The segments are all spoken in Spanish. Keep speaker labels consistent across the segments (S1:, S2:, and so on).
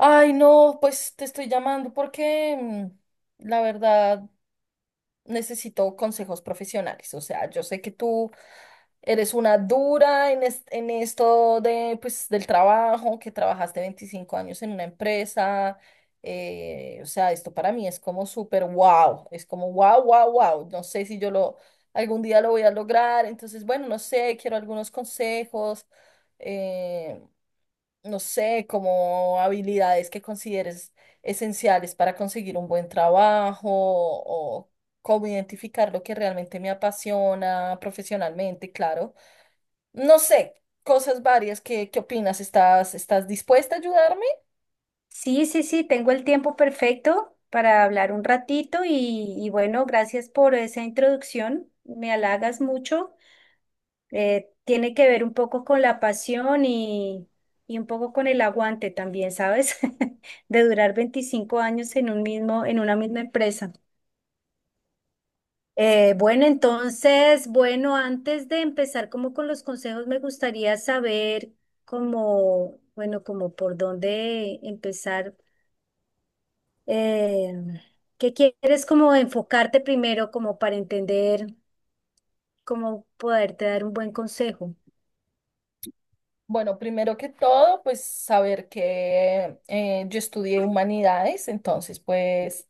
S1: Ay, no, pues te estoy llamando porque la verdad necesito consejos profesionales. O sea, yo sé que tú eres una dura en esto de, pues, del trabajo, que trabajaste 25 años en una empresa. O sea, esto para mí es como súper wow, es como wow, wow, wow. No sé si yo lo algún día lo voy a lograr. Entonces, bueno, no sé, quiero algunos consejos. eh, no sé, como habilidades que consideres esenciales para conseguir un buen trabajo o cómo identificar lo que realmente me apasiona profesionalmente, claro. No sé, cosas varias, ¿qué opinas? ¿Estás dispuesta a ayudarme?
S2: Sí, sí, sí, tengo el tiempo perfecto para hablar un ratito y bueno, gracias por esa introducción, me halagas mucho. Tiene que ver un poco con la pasión y un poco con el aguante también, ¿sabes? De durar 25 años en una misma empresa. Bueno, entonces, bueno, antes de empezar como con los consejos, me gustaría saber cómo, bueno, como por dónde empezar, eh, que quieres como enfocarte primero como para entender cómo poderte dar un buen consejo.
S1: Bueno, primero que todo, pues saber que yo estudié humanidades, entonces pues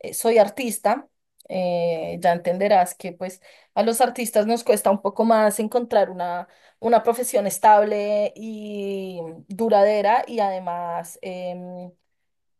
S1: eh, soy artista. Ya entenderás que pues a los artistas nos cuesta un poco más encontrar una profesión estable y duradera y además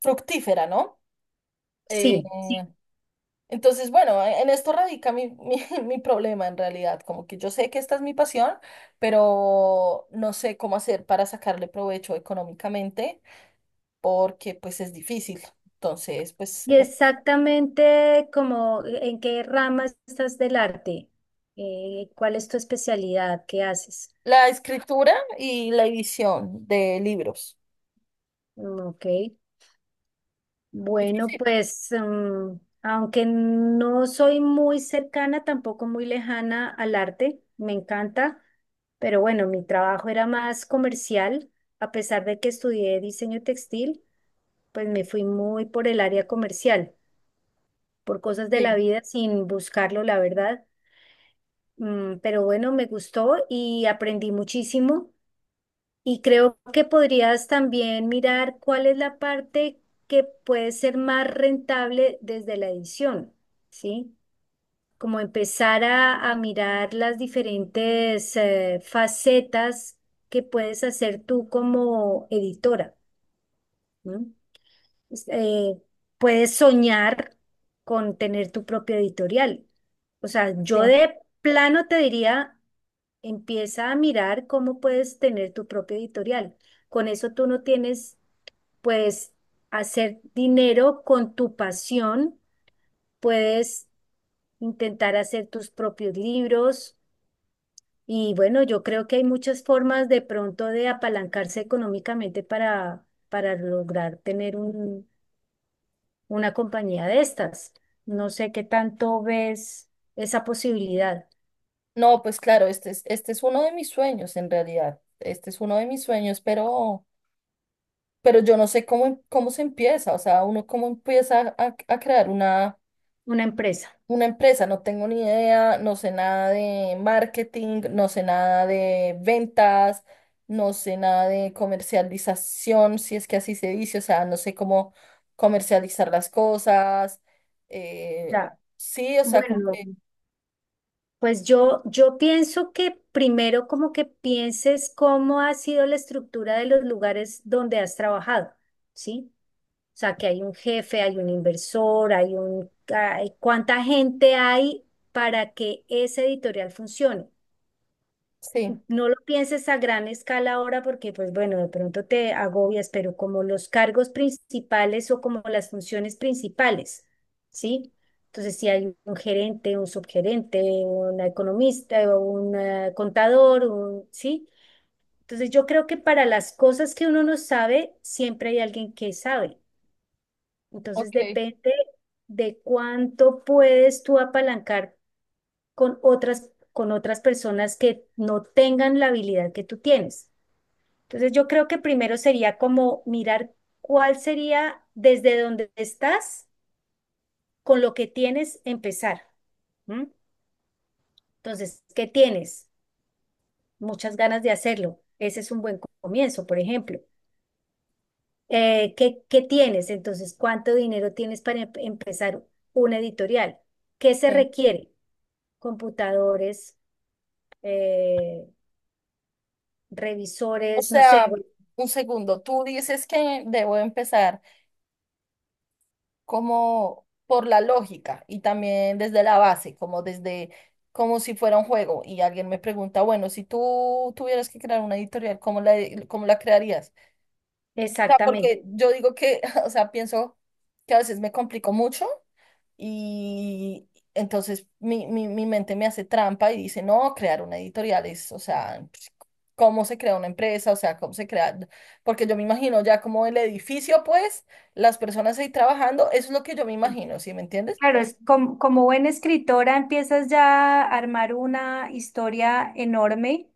S1: fructífera, ¿no? Eh,
S2: Sí, sí.
S1: entonces, bueno, en esto radica mi problema en realidad, como que yo sé que esta es mi pasión, pero no sé cómo hacer para sacarle provecho económicamente, porque pues es difícil. Entonces, pues
S2: Y
S1: es
S2: exactamente, como, ¿en qué rama estás del arte? ¿Cuál es tu especialidad? ¿Qué haces?
S1: la escritura y la edición de libros.
S2: Mm, Ok. Bueno,
S1: Difícil.
S2: pues, aunque no soy muy cercana, tampoco muy lejana al arte, me encanta, pero bueno, mi trabajo era más comercial, a pesar de que estudié diseño textil, pues me fui muy por el área comercial, por cosas de la
S1: Sí,
S2: vida sin buscarlo, la verdad. Pero bueno, me gustó y aprendí muchísimo. Y creo que podrías también mirar cuál es la parte que puede ser más rentable desde la edición, ¿sí? Como empezar a mirar las diferentes facetas que puedes hacer tú como editora, ¿no? Es- eh, Puedes soñar con tener tu propio editorial. O sea, yo
S1: sí.
S2: de plano te diría. Empieza a mirar cómo puedes tener tu propio editorial. Con eso tú no tienes, puedes hacer dinero con tu pasión, puedes intentar hacer tus propios libros y bueno, yo creo que hay muchas formas de pronto de apalancarse económicamente para, lograr tener una compañía de estas. No sé qué tanto ves esa posibilidad,
S1: No, pues claro, este es uno de mis sueños en realidad. Este es uno de mis sueños, pero yo no sé cómo se empieza. O sea, uno cómo empieza a crear una
S2: una empresa.
S1: una empresa, no tengo ni idea, no sé nada de marketing, no sé nada de ventas, no sé nada de comercialización, si es que así se dice, o sea, no sé cómo comercializar las cosas. eh,
S2: Ya.
S1: sí, o sea, como
S2: Bueno.
S1: que
S2: Pues yo pienso que primero como que pienses cómo ha sido la estructura de los lugares donde has trabajado, ¿sí? O sea, que hay un jefe, hay un inversor, ¿cuánta gente hay para que ese editorial funcione?
S1: sí,
S2: No lo pienses a gran escala ahora porque, pues bueno, de pronto te agobias, pero como los cargos principales o como las funciones principales, ¿sí? Entonces, si hay un gerente, un subgerente, un economista o un contador, ¿sí? Entonces, yo creo que para las cosas que uno no sabe, siempre hay alguien que sabe. Entonces,
S1: ok,
S2: depende de cuánto puedes tú apalancar con otras personas que no tengan la habilidad que tú tienes. Entonces yo creo que primero sería como mirar cuál sería desde donde estás, con lo que tienes, empezar. ¿M? Entonces, ¿qué tienes? Muchas ganas de hacerlo. Ese es un buen comienzo, por ejemplo. ¿Qué tienes? Entonces, ¿cuánto dinero tienes para empezar una editorial? ¿Qué se
S1: sí.
S2: requiere? Computadores, eh,
S1: O
S2: revisores, no sé,
S1: sea,
S2: bueno,
S1: un segundo, tú dices que debo empezar como por la lógica y también desde la base, como desde, como si fuera un juego. Y alguien me pregunta, bueno, si tú tuvieras que crear una editorial, ¿cómo la crearías? O sea,
S2: exactamente.
S1: porque yo digo que, o sea, pienso que a veces me complico mucho y entonces mi mente me hace trampa y dice, no, crear una editorial es, o sea, pues, cómo se crea una empresa, o sea, cómo se crea, porque yo me imagino ya como el edificio, pues, las personas ahí trabajando, eso es lo que yo me imagino, ¿sí me entiendes?
S2: Claro, es como, como buena escritora empiezas ya a armar una historia enorme,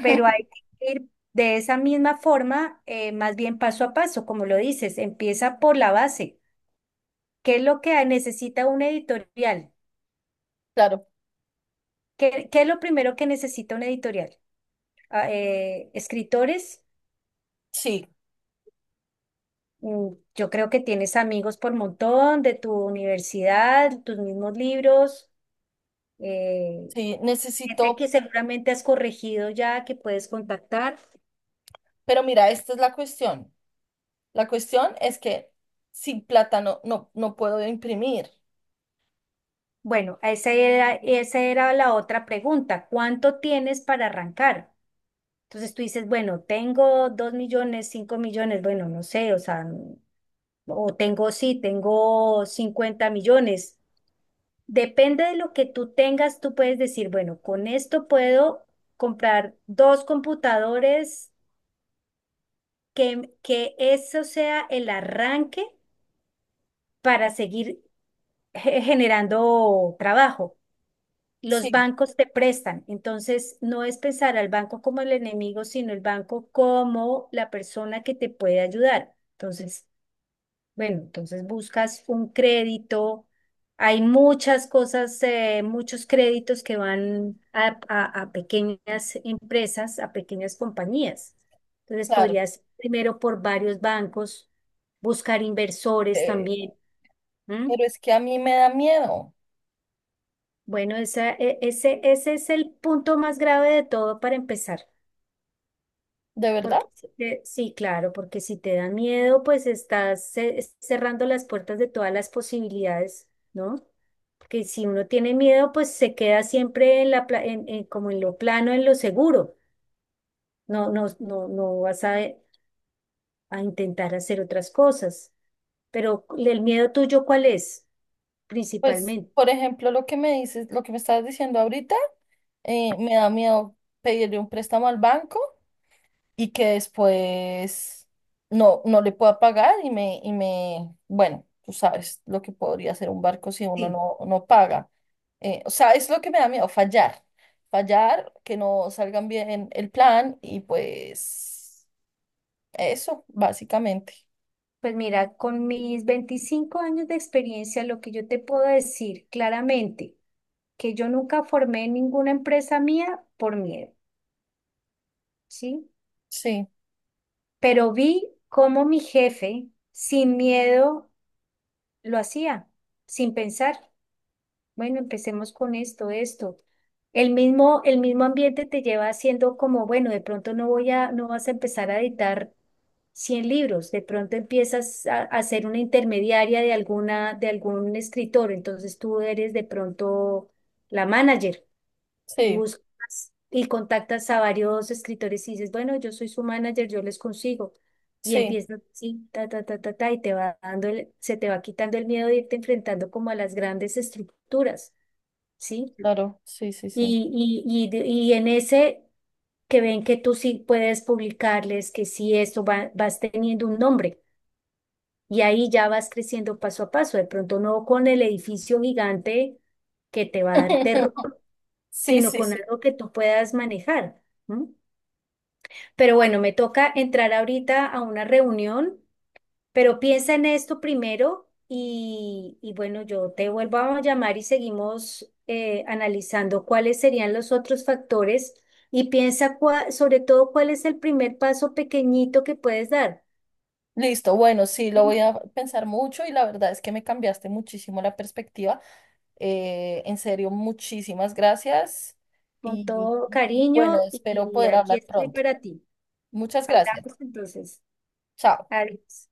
S2: pero hay que ir de esa misma forma, más bien paso a paso, como lo dices, empieza por la base. ¿Qué es lo que necesita un editorial?
S1: Claro,
S2: ¿Qué es lo primero que necesita un editorial? Ah, escritores,
S1: sí,
S2: mm, yo creo que tienes amigos por montón de tu universidad, tus mismos libros, eh,
S1: sí,
S2: gente
S1: necesito,
S2: que seguramente has corregido ya, que puedes contactar.
S1: pero mira, esta es la cuestión. La cuestión es que sin plata no puedo imprimir.
S2: Bueno, esa era la otra pregunta. ¿Cuánto tienes para arrancar? Entonces tú dices, bueno, tengo 2 millones, 5 millones, bueno, no sé, o sea, o tengo, sí, tengo 50 millones. Depende de lo que tú tengas, tú puedes decir, bueno, con esto puedo comprar dos computadores, que eso sea el arranque para seguir generando trabajo. Los
S1: Sí,
S2: bancos te prestan, entonces no es pensar al banco como el enemigo, sino el banco como la persona que te puede ayudar. Entonces, bueno, entonces buscas un crédito. Hay muchas cosas, muchos créditos que van a pequeñas empresas, a pequeñas compañías. Entonces
S1: claro,
S2: podrías primero por varios bancos, buscar inversores
S1: eh,
S2: también. ¿M?
S1: pero es que a mí me da miedo,
S2: Bueno, ese es el punto más grave de todo para empezar.
S1: ¿de verdad?
S2: Porque si te- sí, claro, porque si te da miedo, pues estás cerrando las puertas de todas las posibilidades, ¿no? Porque si uno tiene miedo, pues se queda siempre en la pla- en- como en lo plano, en lo seguro. No, no, no, no vas a intentar hacer otras cosas. Pero el miedo tuyo, ¿cuál es?
S1: Pues,
S2: Principalmente.
S1: por ejemplo, lo que me dices, lo que me estabas diciendo ahorita, me da miedo pedirle un préstamo al banco y que después no le pueda pagar bueno, tú sabes lo que podría hacer un barco si uno
S2: Sí,
S1: no paga. O sea, es lo que me da miedo, fallar. Fallar, que no salgan bien el plan y pues eso, básicamente.
S2: pues mira, con mis 25 años de experiencia, lo que yo te puedo decir claramente, que yo nunca formé ninguna empresa mía por miedo, ¿sí?
S1: Sí,
S2: Pero vi cómo mi jefe sin miedo lo hacía, sin pensar. Bueno, empecemos con esto, esto. El mismo ambiente te lleva haciendo como, bueno, de pronto no vas a empezar a editar 100 libros, de pronto empiezas a ser una intermediaria de algún escritor, entonces tú eres de pronto la manager y
S1: sí,
S2: buscas y contactas a varios escritores y dices, bueno, yo soy su manager, yo les consigo. Y
S1: sí,
S2: empiezas así, ta, ta, ta, ta, ta, y te va dando se te va quitando el miedo de irte enfrentando como a las grandes estructuras, ¿sí?
S1: claro, sí, sí, sí.
S2: Y en ese que ven que tú sí puedes publicarles, que sí esto vas teniendo un nombre. Y ahí ya vas creciendo paso a paso, de pronto no con el edificio gigante que te va a dar terror,
S1: Sí,
S2: sino
S1: sí,
S2: con
S1: sí.
S2: algo que tú puedas manejar. ¿M? Pero bueno, me toca entrar ahorita a una reunión, pero piensa en esto primero y bueno, yo te vuelvo a llamar y seguimos analizando cuáles serían los otros factores y piensa sobre todo cuál es el primer paso pequeñito que puedes dar.
S1: Listo, bueno, sí, lo voy
S2: ¿Sí?
S1: a pensar mucho y la verdad es que me cambiaste muchísimo la perspectiva. En serio, muchísimas gracias
S2: Con
S1: y
S2: todo
S1: y- y, bueno,
S2: cariño y,
S1: espero
S2: y
S1: poder
S2: aquí
S1: hablar
S2: estoy
S1: pronto.
S2: para ti.
S1: Muchas gracias.
S2: Hablamos entonces.
S1: Chao.
S2: Adiós.